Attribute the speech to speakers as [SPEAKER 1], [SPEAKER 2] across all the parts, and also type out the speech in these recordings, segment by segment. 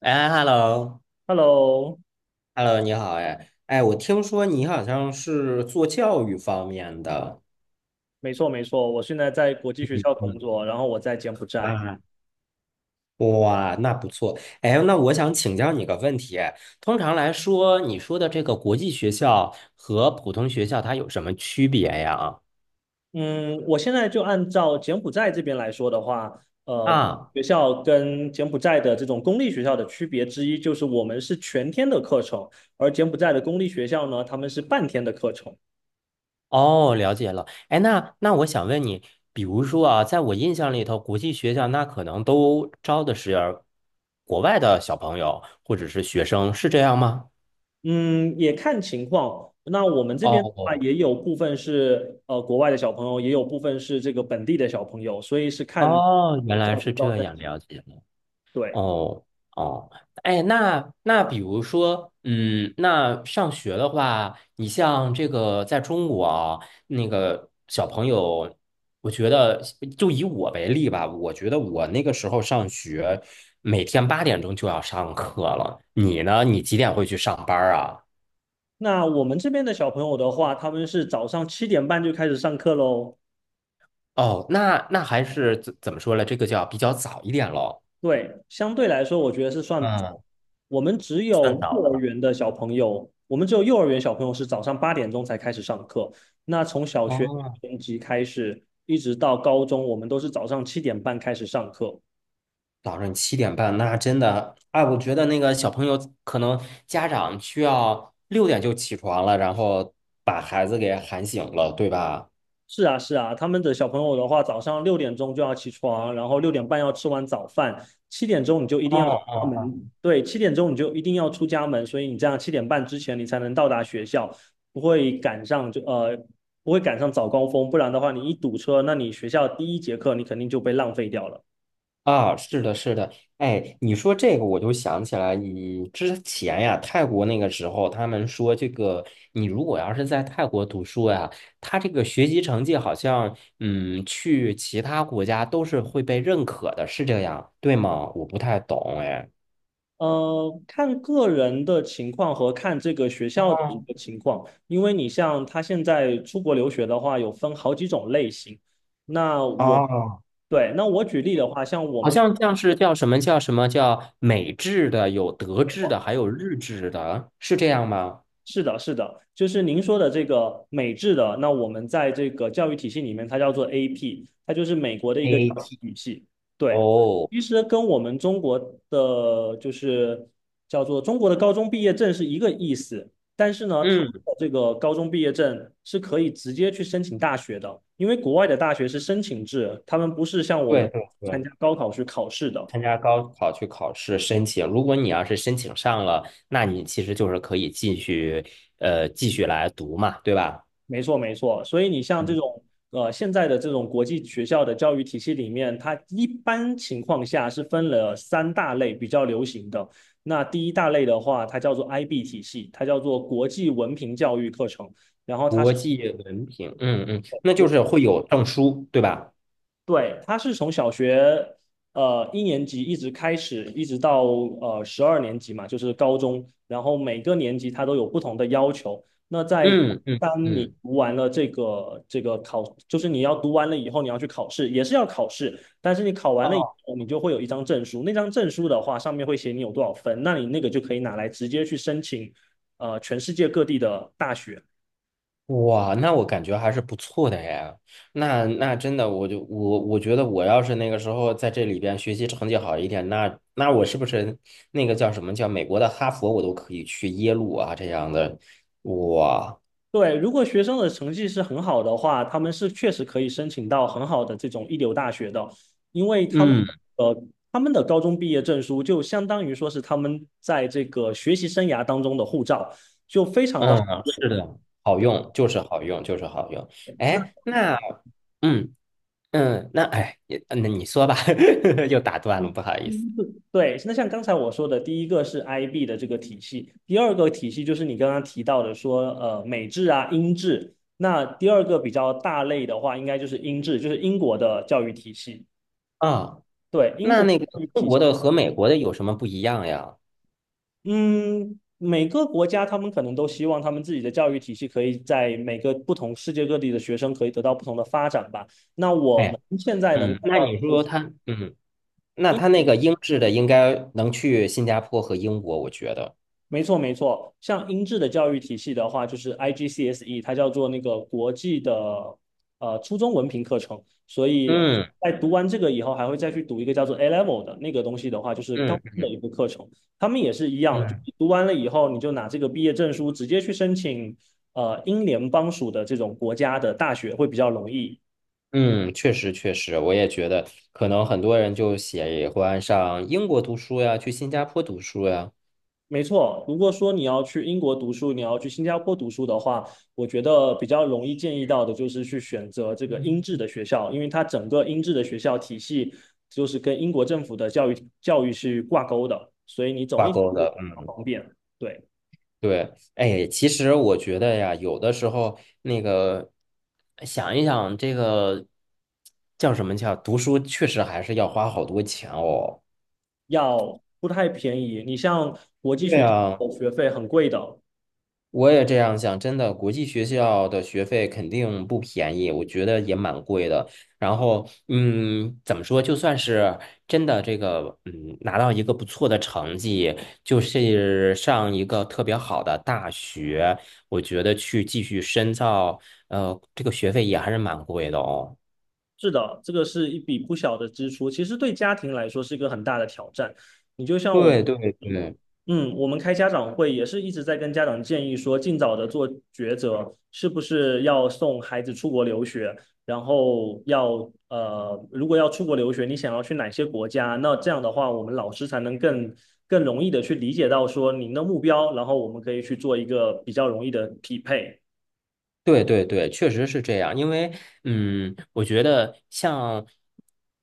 [SPEAKER 1] 哎，hello，hello，
[SPEAKER 2] Hello，
[SPEAKER 1] 你好，哎，哎，我听说你好像是做教育方面的，
[SPEAKER 2] 没错没错，我现在在国际学校工
[SPEAKER 1] 嗯，
[SPEAKER 2] 作，然后我在柬埔寨。
[SPEAKER 1] 哇哇，那不错。哎，那我想请教你个问题，通常来说，你说的这个国际学校和普通学校它有什么区别呀？
[SPEAKER 2] 嗯，我现在就按照柬埔寨这边来说的话，国际
[SPEAKER 1] 啊，
[SPEAKER 2] 学校跟柬埔寨的这种公立学校的区别之一就是我们是全天的课程，而柬埔寨的公立学校呢，他们是半天的课程。
[SPEAKER 1] 哦，了解了。哎，那我想问你，比如说啊，在我印象里头，国际学校那可能都招的是国外的小朋友或者是学生，是这样吗？
[SPEAKER 2] 嗯，也看情况。那我们这边的话，
[SPEAKER 1] 哦
[SPEAKER 2] 也有部分是国外的小朋友，也有部分是这个本地的小朋友，所以是看
[SPEAKER 1] 哦，原
[SPEAKER 2] 这
[SPEAKER 1] 来
[SPEAKER 2] 样
[SPEAKER 1] 是
[SPEAKER 2] 子招
[SPEAKER 1] 这
[SPEAKER 2] 生。
[SPEAKER 1] 样，了解了。
[SPEAKER 2] 对。
[SPEAKER 1] 哦哦，哎，那比如说，嗯，那上学的话，你像这个在中国啊，那个小朋友，我觉得就以我为例吧，我觉得我那个时候上学，每天8点钟就要上课了。你呢？你几点会去上班儿啊？
[SPEAKER 2] 那我们这边的小朋友的话，他们是早上七点半就开始上课喽。
[SPEAKER 1] 哦，那还是怎么说呢？这个叫比较早一点喽。
[SPEAKER 2] 对，相对来说，我觉得是算早。
[SPEAKER 1] 嗯，
[SPEAKER 2] 我们只
[SPEAKER 1] 算
[SPEAKER 2] 有
[SPEAKER 1] 早的
[SPEAKER 2] 幼儿
[SPEAKER 1] 了。
[SPEAKER 2] 园的小朋友，我们只有幼儿园小朋友是早上8点钟才开始上课。那从小学
[SPEAKER 1] 哦。
[SPEAKER 2] 一年级开始，一直到高中，我们都是早上七点半开始上课。
[SPEAKER 1] 早上7点半，那真的，哎，我觉得那个小朋友可能家长需要6点就起床了，然后把孩子给喊醒了，对吧？
[SPEAKER 2] 是啊，是啊，他们的小朋友的话，早上6点钟就要起床，然后6点半要吃完早饭，七点钟你就一定要出家
[SPEAKER 1] 哦
[SPEAKER 2] 门，对，七点钟你就一定要出家门，所以你这样七点半之前你才能到达学校，不会赶上就呃不会赶上早高峰，不然的话你一堵车，那你学校第一节课你肯定就被浪费掉了。
[SPEAKER 1] 啊，是的，是的，哎，你说这个我就想起来，你之前呀，泰国那个时候，他们说这个，你如果要是在泰国读书呀，他这个学习成绩好像，嗯，去其他国家都是会被认可的，是这样，对吗？我不太懂，哎。
[SPEAKER 2] 看个人的情况和看这个学校的一个情况，因为你像他现在出国留学的话，有分好几种类型。那我，
[SPEAKER 1] 哦
[SPEAKER 2] 对，那我举例的话，像我
[SPEAKER 1] 好
[SPEAKER 2] 们
[SPEAKER 1] 像像是叫什么叫什么叫美制的，有德
[SPEAKER 2] 没
[SPEAKER 1] 制的，
[SPEAKER 2] 错。
[SPEAKER 1] 还有日制的，是这样吗
[SPEAKER 2] 是的，是的，就是您说的这个美制的，那我们在这个教育体系里面，它叫做 AP，它就是美国的一个教
[SPEAKER 1] ？AT
[SPEAKER 2] 育体系。对，
[SPEAKER 1] O，
[SPEAKER 2] 其实跟我们中国的就是叫做中国的高中毕业证是一个意思，但是呢，他们
[SPEAKER 1] 嗯，
[SPEAKER 2] 的这个高中毕业证是可以直接去申请大学的，因为国外的大学是申请制，他们不是像我
[SPEAKER 1] 对
[SPEAKER 2] 们
[SPEAKER 1] 对
[SPEAKER 2] 参
[SPEAKER 1] 对，
[SPEAKER 2] 加高考去考试的。
[SPEAKER 1] 参加高考去考试申请，如果你要是申请上了，那你其实就是可以继续来读嘛，对吧？
[SPEAKER 2] 没错，没错。所以你像这
[SPEAKER 1] 嗯，
[SPEAKER 2] 种现在的这种国际学校的教育体系里面，它一般情况下是分了三大类比较流行的。那第一大类的话，它叫做 IB 体系，它叫做国际文凭教育课程。然后它
[SPEAKER 1] 国
[SPEAKER 2] 是
[SPEAKER 1] 际文凭，嗯嗯，那就是会有证书，对吧？
[SPEAKER 2] 对，他是从小学一年级一直开始，一直到十二年级嘛，就是高中。然后每个年级他都有不同的要求。
[SPEAKER 1] 嗯嗯
[SPEAKER 2] 当你
[SPEAKER 1] 嗯，
[SPEAKER 2] 读完了这个这个考，就是你要读完了以后，你要去考试，也是要考试。但是你考完了以
[SPEAKER 1] 哦
[SPEAKER 2] 后，你就会有一张证书。那张证书的话，上面会写你有多少分，那你那个就可以拿来直接去申请全世界各地的大学。
[SPEAKER 1] 哇，那我感觉还是不错的呀。那真的，我觉得我要是那个时候在这里边学习成绩好一点，那我是不是那个叫什么叫美国的哈佛，我都可以去耶鲁啊这样的。哇，
[SPEAKER 2] 对，如果学生的成绩是很好的话，他们是确实可以申请到很好的这种一流大学的，因为
[SPEAKER 1] 嗯
[SPEAKER 2] 呃他们的高中毕业证书就相当于说是他们在这个学习生涯当中的护照，就非常的好。
[SPEAKER 1] 嗯，是的，好用，就是好用，就是好用。
[SPEAKER 2] 那
[SPEAKER 1] 哎，
[SPEAKER 2] 第
[SPEAKER 1] 那嗯嗯，那哎，也那你说吧，又打
[SPEAKER 2] 一
[SPEAKER 1] 断了，
[SPEAKER 2] 个
[SPEAKER 1] 不好意思
[SPEAKER 2] 对，那像刚才我说的，第一个是 IB 的这个体系，第二个体系就是你刚刚提到的说美制啊英制，那第二个比较大类的话，应该就是英制，就是英国的教育体系。
[SPEAKER 1] 啊。
[SPEAKER 2] 对，英
[SPEAKER 1] 那
[SPEAKER 2] 国。
[SPEAKER 1] 那个
[SPEAKER 2] 教育
[SPEAKER 1] 中
[SPEAKER 2] 体系。
[SPEAKER 1] 国的和美国的有什么不一样呀？
[SPEAKER 2] 嗯，每个国家他们可能都希望他们自己的教育体系可以在每个不同世界各地的学生可以得到不同的发展吧。那我们现在能看
[SPEAKER 1] 嗯，那
[SPEAKER 2] 到。
[SPEAKER 1] 你说他，嗯，那他那个英制的应该能去新加坡和英国，我觉得，
[SPEAKER 2] 没错，没错。像英制的教育体系的话，就是 IGCSE，它叫做那个国际的初中文凭课程。所以
[SPEAKER 1] 嗯
[SPEAKER 2] 在读完这个以后，还会再去读一个叫做 A Level 的那个东西的话，就是高
[SPEAKER 1] 嗯
[SPEAKER 2] 中的一个课程。他们也是一样，就
[SPEAKER 1] 嗯
[SPEAKER 2] 读完了以后，你就拿这个毕业证书直接去申请英联邦属的这种国家的大学会比较容易。
[SPEAKER 1] 嗯，确实确实，我也觉得，可能很多人就喜欢上英国读书呀，去新加坡读书呀，
[SPEAKER 2] 没错，如果说你要去英国读书，你要去新加坡读书的话，我觉得比较容易建议到的就是去选择这个英制的学校，因为它整个英制的学校体系就是跟英国政府的教育是挂钩的，所以你走
[SPEAKER 1] 挂
[SPEAKER 2] 那条
[SPEAKER 1] 钩
[SPEAKER 2] 路比
[SPEAKER 1] 的，
[SPEAKER 2] 较
[SPEAKER 1] 嗯，
[SPEAKER 2] 方便，对，
[SPEAKER 1] 对，哎，其实我觉得呀，有的时候那个想一想，这个叫什么叫读书，确实还是要花好多钱哦。
[SPEAKER 2] 要不太便宜。你像国际
[SPEAKER 1] 对
[SPEAKER 2] 学
[SPEAKER 1] 呀。
[SPEAKER 2] 校学费很贵的，
[SPEAKER 1] 我也这样想，真的，国际学校的学费肯定不便宜，我觉得也蛮贵的。然后，嗯，怎么说，就算是真的这个，嗯，拿到一个不错的成绩，就是上一个特别好的大学，我觉得去继续深造，这个学费也还是蛮贵的哦。
[SPEAKER 2] 是的，这个是一笔不小的支出，其实对家庭来说是一个很大的挑战。你就像我，
[SPEAKER 1] 对对对，
[SPEAKER 2] 嗯，我们开家长会也是一直在跟家长建议说，尽早的做抉择，是不是要送孩子出国留学，然后要呃，如果要出国留学，你想要去哪些国家？那这样的话，我们老师才能更容易的去理解到说您的目标，然后我们可以去做一个比较容易的匹配。
[SPEAKER 1] 对对对，确实是这样。因为，嗯，我觉得像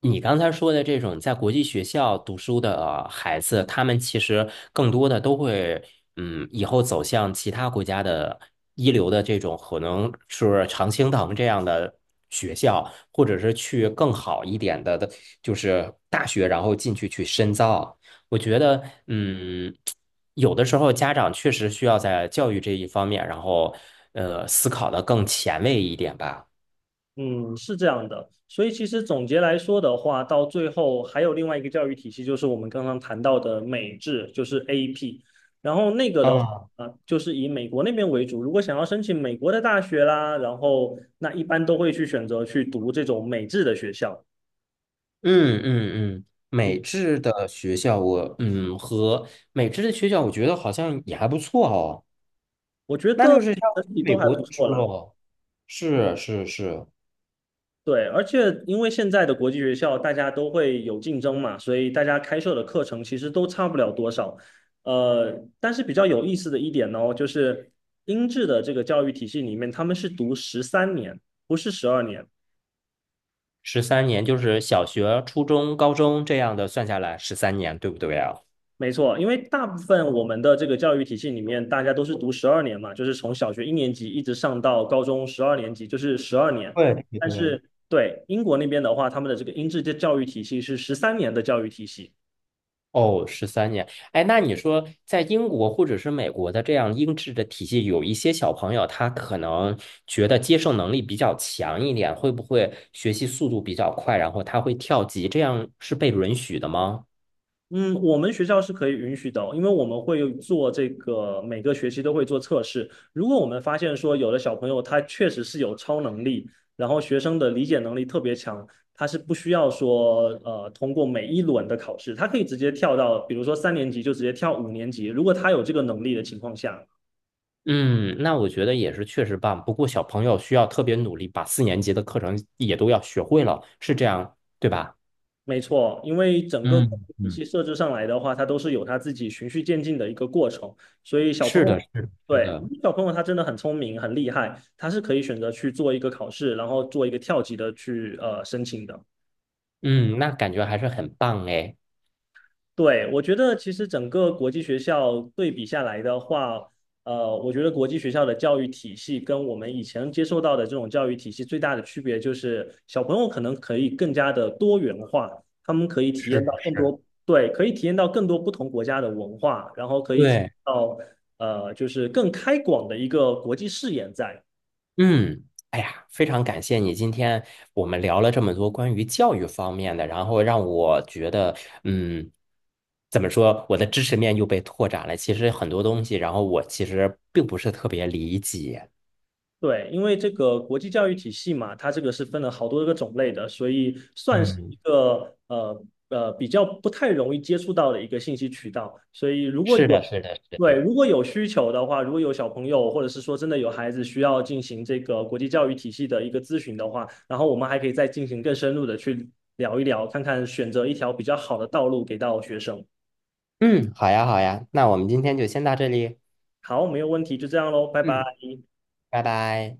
[SPEAKER 1] 你刚才说的这种在国际学校读书的孩子，他们其实更多的都会，嗯，以后走向其他国家的一流的这种，可能是常青藤这样的学校，或者是去更好一点的，就是大学，然后进去深造。我觉得，嗯，有的时候家长确实需要在教育这一方面，然后思考的更前卫一点吧。
[SPEAKER 2] 嗯，是这样的，所以其实总结来说的话，到最后还有另外一个教育体系，就是我们刚刚谈到的美制，就是 AP 然后那个的话，
[SPEAKER 1] 啊，
[SPEAKER 2] 啊就是以美国那边为主。如果想要申请美国的大学啦，然后那一般都会去选择去读这种美制的学校。
[SPEAKER 1] 嗯嗯嗯，
[SPEAKER 2] 嗯，
[SPEAKER 1] 美制的学校我，嗯和美制的学校，我觉得好像也还不错哦。
[SPEAKER 2] 我觉
[SPEAKER 1] 那就
[SPEAKER 2] 得
[SPEAKER 1] 是像
[SPEAKER 2] 整 体都
[SPEAKER 1] 美
[SPEAKER 2] 还
[SPEAKER 1] 国
[SPEAKER 2] 不
[SPEAKER 1] 读
[SPEAKER 2] 错
[SPEAKER 1] 书
[SPEAKER 2] 啦。
[SPEAKER 1] 喽。是是是，
[SPEAKER 2] 对，而且因为现在的国际学校大家都会有竞争嘛，所以大家开设的课程其实都差不了多少。但是比较有意思的一点呢，就是英制的这个教育体系里面，他们是读十三年，不是十二年。
[SPEAKER 1] 十三年就是小学、初中、高中这样的算下来，十三年，对不对啊？
[SPEAKER 2] 没错，因为大部分我们的这个教育体系里面，大家都是读十二年嘛，就是从小学一年级一直上到高中十二年级，就是十二年。
[SPEAKER 1] 对对
[SPEAKER 2] 但
[SPEAKER 1] 对。
[SPEAKER 2] 是对英国那边的话，他们的这个英制的教育体系是十三年的教育体系。
[SPEAKER 1] 哦，十三年。哎，那你说在英国或者是美国的这样英制的体系，有一些小朋友他可能觉得接受能力比较强一点，会不会学习速度比较快，然后他会跳级，这样是被允许的吗？
[SPEAKER 2] 嗯，我们学校是可以允许的哦，因为我们会有做这个，每个学期都会做测试。如果我们发现说有的小朋友他确实是有超能力，然后学生的理解能力特别强，他是不需要说通过每一轮的考试，他可以直接跳到，比如说3年级就直接跳5年级，如果他有这个能力的情况下，
[SPEAKER 1] 嗯，那我觉得也是确实棒。不过小朋友需要特别努力，把4年级的课程也都要学会了，是这样，对吧？
[SPEAKER 2] 没错，因为整个
[SPEAKER 1] 嗯
[SPEAKER 2] 体
[SPEAKER 1] 嗯，
[SPEAKER 2] 系设置上来的话，它都是有它自己循序渐进的一个过程，所以小朋
[SPEAKER 1] 是
[SPEAKER 2] 友，
[SPEAKER 1] 的，是的，是
[SPEAKER 2] 对，
[SPEAKER 1] 的。
[SPEAKER 2] 小朋友他真的很聪明，很厉害，他是可以选择去做一个考试，然后做一个跳级的去申请的。
[SPEAKER 1] 嗯，那感觉还是很棒哎。
[SPEAKER 2] 对，我觉得其实整个国际学校对比下来的话，我觉得国际学校的教育体系跟我们以前接受到的这种教育体系最大的区别就是，小朋友可能可以更加的多元化，他们可以体
[SPEAKER 1] 是
[SPEAKER 2] 验
[SPEAKER 1] 的
[SPEAKER 2] 到更
[SPEAKER 1] 是，
[SPEAKER 2] 多，对，可以体验到更多不同国家的文化，然后可以体验
[SPEAKER 1] 对。
[SPEAKER 2] 到就是更开广的一个国际视野在。
[SPEAKER 1] 嗯，哎呀，非常感谢你。今天我们聊了这么多关于教育方面的，然后让我觉得，嗯，怎么说，我的知识面又被拓展了。其实很多东西，然后我其实并不是特别理解。
[SPEAKER 2] 对，因为这个国际教育体系嘛，它这个是分了好多个种类的，所以算是一
[SPEAKER 1] 嗯，
[SPEAKER 2] 个比较不太容易接触到的一个信息渠道。所以如果
[SPEAKER 1] 是
[SPEAKER 2] 有
[SPEAKER 1] 的，是的，是
[SPEAKER 2] 对，
[SPEAKER 1] 的。
[SPEAKER 2] 如果有需求的话，如果有小朋友或者是说真的有孩子需要进行这个国际教育体系的一个咨询的话，然后我们还可以再进行更深入的去聊一聊，看看选择一条比较好的道路给到学生。
[SPEAKER 1] 嗯，好呀，好呀，那我们今天就先到这里。
[SPEAKER 2] 好，没有问题，就这样喽，拜拜。
[SPEAKER 1] 嗯，拜拜。